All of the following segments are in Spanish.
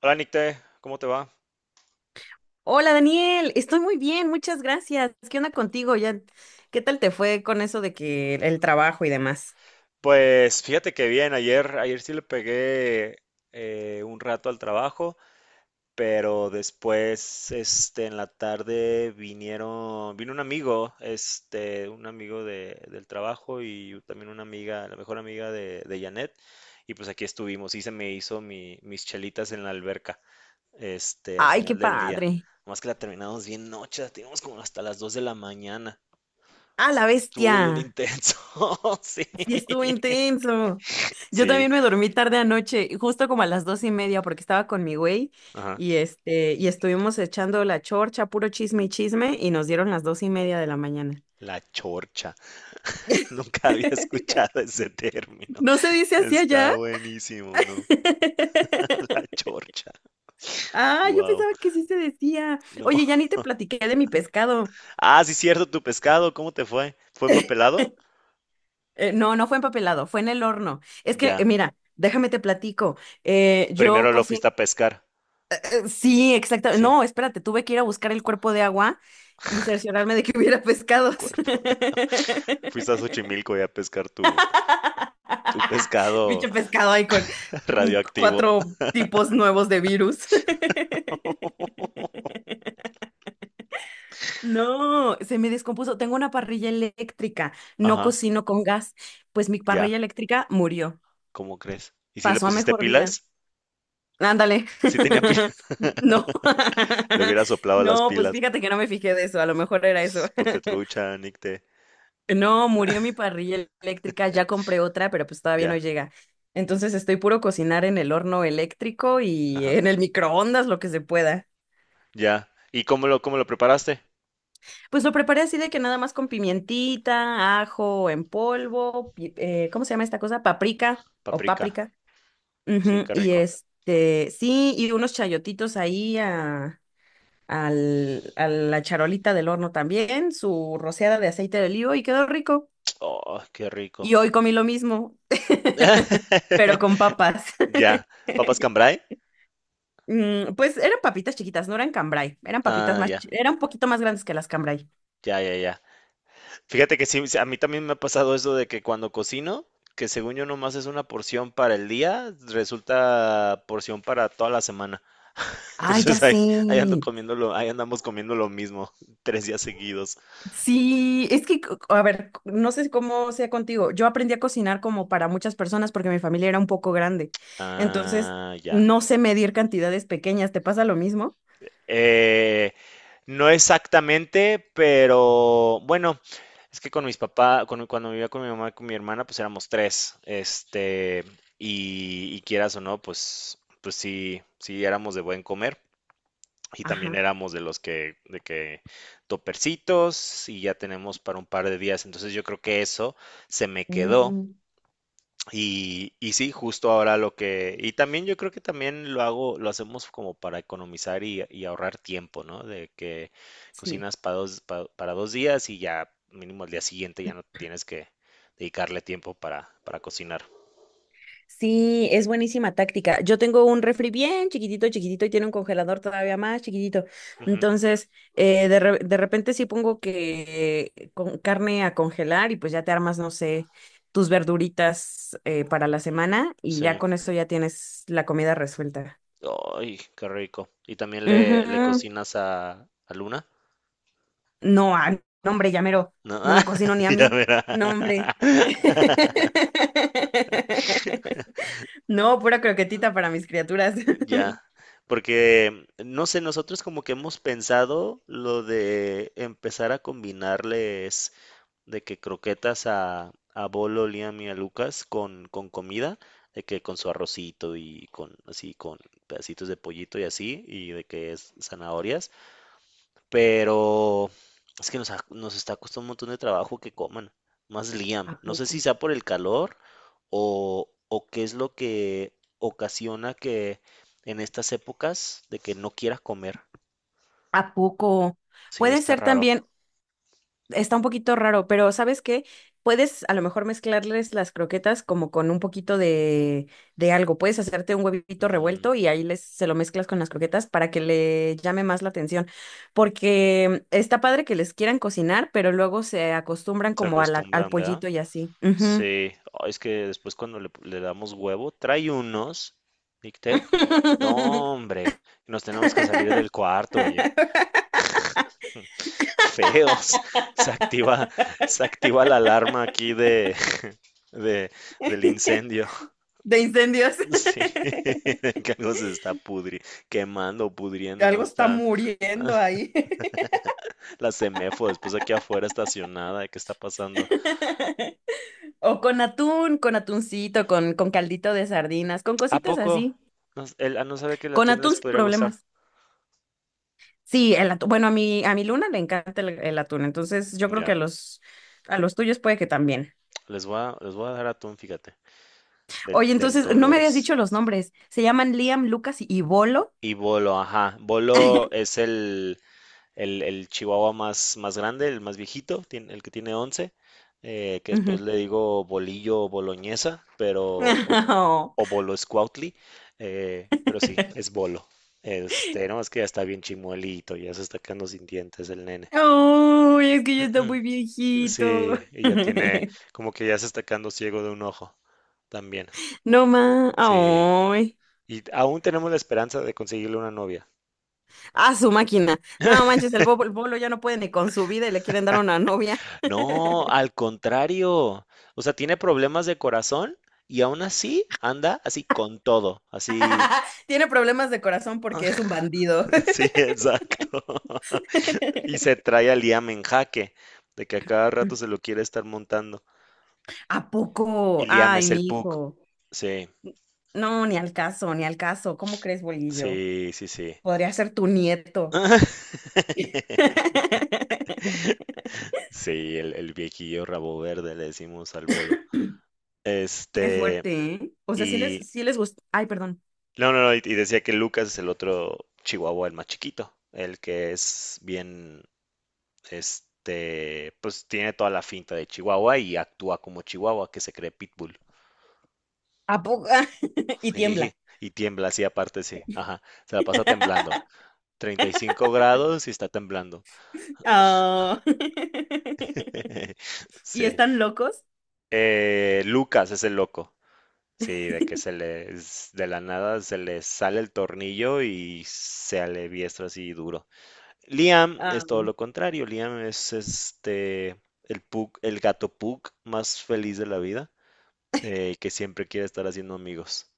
Hola Nicte, ¿cómo te va? Hola Daniel, estoy muy bien, muchas gracias. ¿Qué onda contigo? Ya, ¿qué tal te fue con eso de que el trabajo y demás? Pues fíjate que bien, ayer sí le pegué un rato al trabajo, pero después, en la tarde vino un amigo, un amigo del trabajo y también una amiga, la mejor amiga de Janet, y pues aquí estuvimos, y se me hizo mis chelitas en la alberca, al Ay, qué final del día. padre. Más que la terminamos bien noche, la teníamos como hasta las 2 de la mañana. Ah, la Estuvo bien bestia. intenso, sí. Sí, estuvo intenso. Yo Sí, también me dormí tarde anoche, justo como a las 2:30, porque estaba con mi güey ajá. Y estuvimos echando la chorcha, puro chisme y chisme, y nos dieron las 2:30 de la mañana. La chorcha. Nunca había escuchado ese término. ¿No se dice así allá? Está buenísimo, ¿no? La chorcha. Ah, yo Wow. pensaba que sí se decía. No. Oye, ya ni te platiqué de mi pescado. Ah, sí, cierto, tu pescado, ¿cómo te fue? ¿Fue empapelado? No, no fue empapelado, fue en el horno. Es que, Ya. mira, déjame te platico. Yo Primero lo cocino. fuiste a pescar. Sí, exacto. Sí, No, espérate, tuve que ir a buscar el cuerpo de agua y cerciorarme de que hubiera pescados. cuerpo. Fuiste a Xochimilco y a pescar tu pescado Bicho pescado ahí con radioactivo. cuatro tipos nuevos de virus. No, se me descompuso. Tengo una parrilla eléctrica, no Ajá, cocino con gas. Pues mi ya. parrilla eléctrica murió, ¿Cómo crees? ¿Y si le pasó a pusiste mejor vida. pilas? Ándale. Sí tenía pilas. No. Le hubiera soplado las No, pues pilas. fíjate que no me fijé de eso, a lo mejor era eso. Ponte trucha, Nicte. No, murió mi parrilla eléctrica, ya compré otra, pero pues todavía no Ya, llega. Entonces estoy puro cocinar en el horno eléctrico y ajá, en el microondas, lo que se pueda. ya. ¿Y cómo lo preparaste? Pues lo preparé así de que nada más con pimientita, ajo en polvo, ¿cómo se llama esta cosa? Paprika o Paprika. páprica. Sí, Ujú. qué Y rico. Sí, y unos chayotitos ahí a la charolita del horno también, su rociada de aceite de olivo y quedó rico. Oh, qué Y rico. hoy comí lo mismo, pero con papas. Ya. ¿Papas cambray? Mm, pues eran papitas chiquitas, no eran cambray, eran papitas Ah, más, ya, eran un poquito más grandes que las cambray. ya, ya, ya. Fíjate que sí, sí, a mí también me ha pasado eso de que cuando cocino, que según yo nomás es una porción para el día, resulta porción para toda la semana. Ay, ya Entonces ahí sé. Ahí andamos comiendo lo mismo 3 días seguidos. Sí, es que, a ver, no sé cómo sea contigo. Yo aprendí a cocinar como para muchas personas porque mi familia era un poco grande. Entonces, Ah, ya. no sé medir cantidades pequeñas. ¿Te pasa lo mismo? Eh, no exactamente, pero bueno, es que con mis papás, cuando vivía con mi mamá y con mi hermana, pues éramos tres, y quieras o no, pues sí, sí éramos de buen comer. Y también Ajá. éramos de los que, de que topercitos y ya tenemos para un par de días. Entonces yo creo que eso se me quedó Mm, y sí, justo ahora lo que, y también yo creo que también lo hacemos como para economizar y ahorrar tiempo, ¿no? De que sí. cocinas para dos, para 2 días y ya mínimo al día siguiente ya no tienes que dedicarle tiempo para cocinar. Sí, es buenísima táctica. Yo tengo un refri bien chiquitito, chiquitito y tiene un congelador todavía más chiquitito. Ujú, Entonces, de repente sí pongo que con carne a congelar y pues ya te armas, no sé, tus verduritas para la semana y ya sí. con eso ya tienes la comida resuelta. Ay, qué rico. ¿Y también le Ujú. cocinas a Luna? No, no, hombre, ya mero, No, no me cocino ni a ya mí. verá. No, hombre. No, pura croquetita para mis criaturas. Ya, porque no sé, nosotros como que hemos pensado lo de empezar a combinarles de que croquetas a Bolo, Liam y a Lucas con comida, de que con su arrocito y con pedacitos de pollito y así, y de que es zanahorias, pero es que nos está costando un montón de trabajo que coman. Más Liam. ¿A No sé si poco? sea por el calor o qué es lo que ocasiona que en estas épocas de que no quiera comer. ¿A poco? Sí, Puede está ser raro. también, está un poquito raro, pero ¿sabes qué? Puedes a lo mejor mezclarles las croquetas como con un poquito de algo. Puedes hacerte un huevito Mm, revuelto y ahí les, se lo mezclas con las croquetas para que le llame más la atención. Porque está padre que les quieran cocinar, pero luego se acostumbran Se como al acostumbran, ¿verdad? pollito y así. Ujú. Sí. Ay, es que después cuando le damos huevo, trae unos, dicté. No, hombre, nos tenemos que salir del cuarto, feos. Se activa, se activa la alarma aquí de- del incendio. De incendios. Sí, que algo se está quemando o pudriendo, ¿no? Algo está Está muriendo ahí. la Semefo después aquí afuera estacionada. ¿Qué está pasando? O con atún, con atuncito, con caldito de sardinas, con ¿A cositas poco? así. No, él no sabe que el Con atún atún les sin podría gustar. problemas. Sí, el atún. Bueno, a mi Luna le encanta el atún, entonces yo creo que Ya, a los tuyos puede que también. les voy a dar atún, fíjate, del, Oye, del entonces, no me habías Dolores. dicho los nombres. Se llaman Liam, Lucas y Bolo. Y bolo, ajá. Bolo es el chihuahua más grande, el más viejito, el que tiene 11 que después Ujú. le digo bolillo o boloñesa, pero, o, o bolo scoutly, pero sí, es bolo. No, es que ya está bien chimuelito, ya se está quedando sin dientes el nene. Oh. Ay, es que ya está muy viejito. Sí, y ya tiene, como que ya se está quedando ciego de un ojo también. No más. Sí, Ay. y aún tenemos la esperanza de conseguirle una novia. A su máquina. No manches, el bolo ya no puede ni con su vida y le quieren dar una novia. No, al contrario. O sea, tiene problemas de corazón y aún así anda así con todo, así. Tiene problemas de corazón porque es un bandido. Sí, exacto. Y se trae a Liam en jaque, de que a cada rato se lo quiere estar montando. ¿A poco? Y Liam Ay, es el mi Puck. hijo. Sí, No, ni al caso, ni al caso. ¿Cómo crees, bolillo? sí, sí, sí. Podría ser tu nieto. Sí, el viejillo rabo verde le decimos al bolo. Qué Este, fuerte, ¿eh? O sea, sí les, y sí les gusta. Ay, perdón. No, no, no, y decía que Lucas es el otro chihuahua, el más chiquito, el que es bien, pues tiene toda la finta de chihuahua y actúa como chihuahua, que se cree pitbull. ¿A poco? Y Sí, tiembla. y tiembla así aparte, sí, ajá, se la pasa temblando. 35 grados y está temblando. Ah. ¿Y Sí. están locos? Lucas es el loco. Sí, de que se le de la nada se le sale el tornillo y se aliviestra así duro. Liam Ah. es todo lo contrario. Liam es el pug, el gato pug más feliz de la vida, que siempre quiere estar haciendo amigos.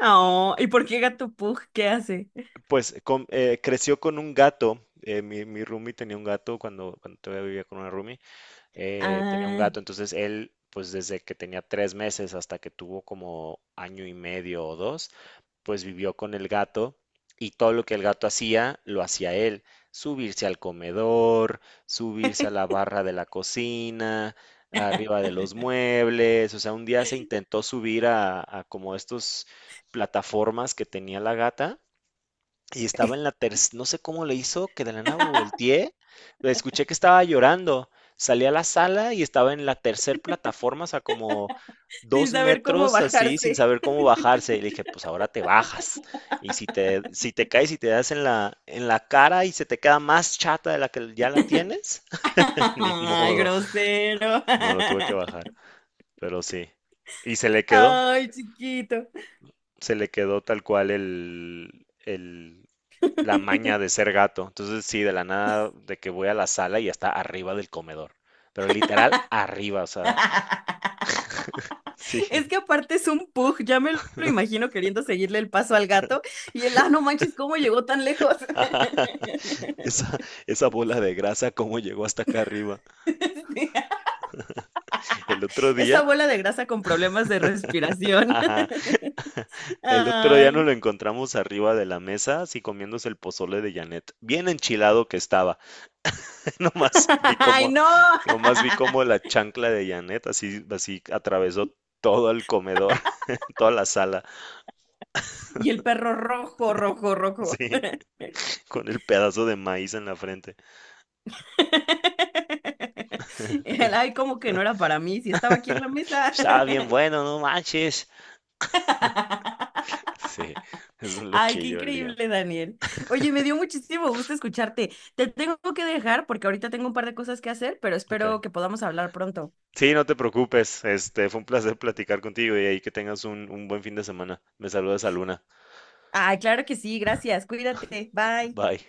Oh, ¿y por qué Gato Pug? ¿Qué hace? Pues creció con un gato. Mi roomie tenía un gato cuando todavía vivía con una roomie. Tenía un Ah. gato, entonces él, pues desde que tenía 3 meses hasta que tuvo como año y medio o dos, pues vivió con el gato y todo lo que el gato hacía, lo hacía él. Subirse al comedor, subirse a la barra de la cocina, arriba de los muebles. O sea, un día se intentó subir a como estos plataformas que tenía la gata y estaba en la tercera, no sé cómo le hizo, que de la nada volteé, la escuché que estaba llorando. Salí a la sala y estaba en la tercera plataforma, o sea, como Sin 2 saber cómo metros así, sin bajarse. saber cómo bajarse. Y le dije, pues ahora te bajas. Y si te caes y te das en la cara y se te queda más chata de la que ya la tienes, ni Ay, modo. grosero. No, lo tuve que bajar, pero sí. Y se le quedó, Ay, chiquito. se le quedó tal cual la maña de ser gato. Entonces, sí, de la nada, de que voy a la sala y está arriba del comedor. Pero literal, arriba, o sea, sí. Es que aparte es un pug, ya me lo imagino queriendo seguirle el paso al gato y no manches, ¿cómo llegó tan lejos? Esa, esa bola de grasa, ¿cómo llegó hasta acá arriba? Sí, El otro esa día, bola de grasa con problemas de respiración. ajá, el otro día nos Ay, lo encontramos arriba de la mesa, así comiéndose el pozole de Janet. Bien enchilado que estaba. Nomás vi ay, cómo, no. nomás vi cómo la chancla de Janet así atravesó todo el comedor, toda la sala, Y el perro rojo, rojo, rojo. sí, con el pedazo de maíz en la frente. Y él, ay, como que no era para mí, si estaba aquí en la mesa. Estaba bien bueno, no manches. Sí, eso es lo Ay, qué que yo olía. increíble, Daniel. Oye, me dio muchísimo gusto escucharte. Te tengo que dejar porque ahorita tengo un par de cosas que hacer, pero Ok. espero que podamos hablar pronto. Sí, no te preocupes. Fue un placer platicar contigo y ahí que tengas un buen fin de semana. Me saludas a Luna. Ay, claro que sí, gracias. Cuídate. Bye. Bye.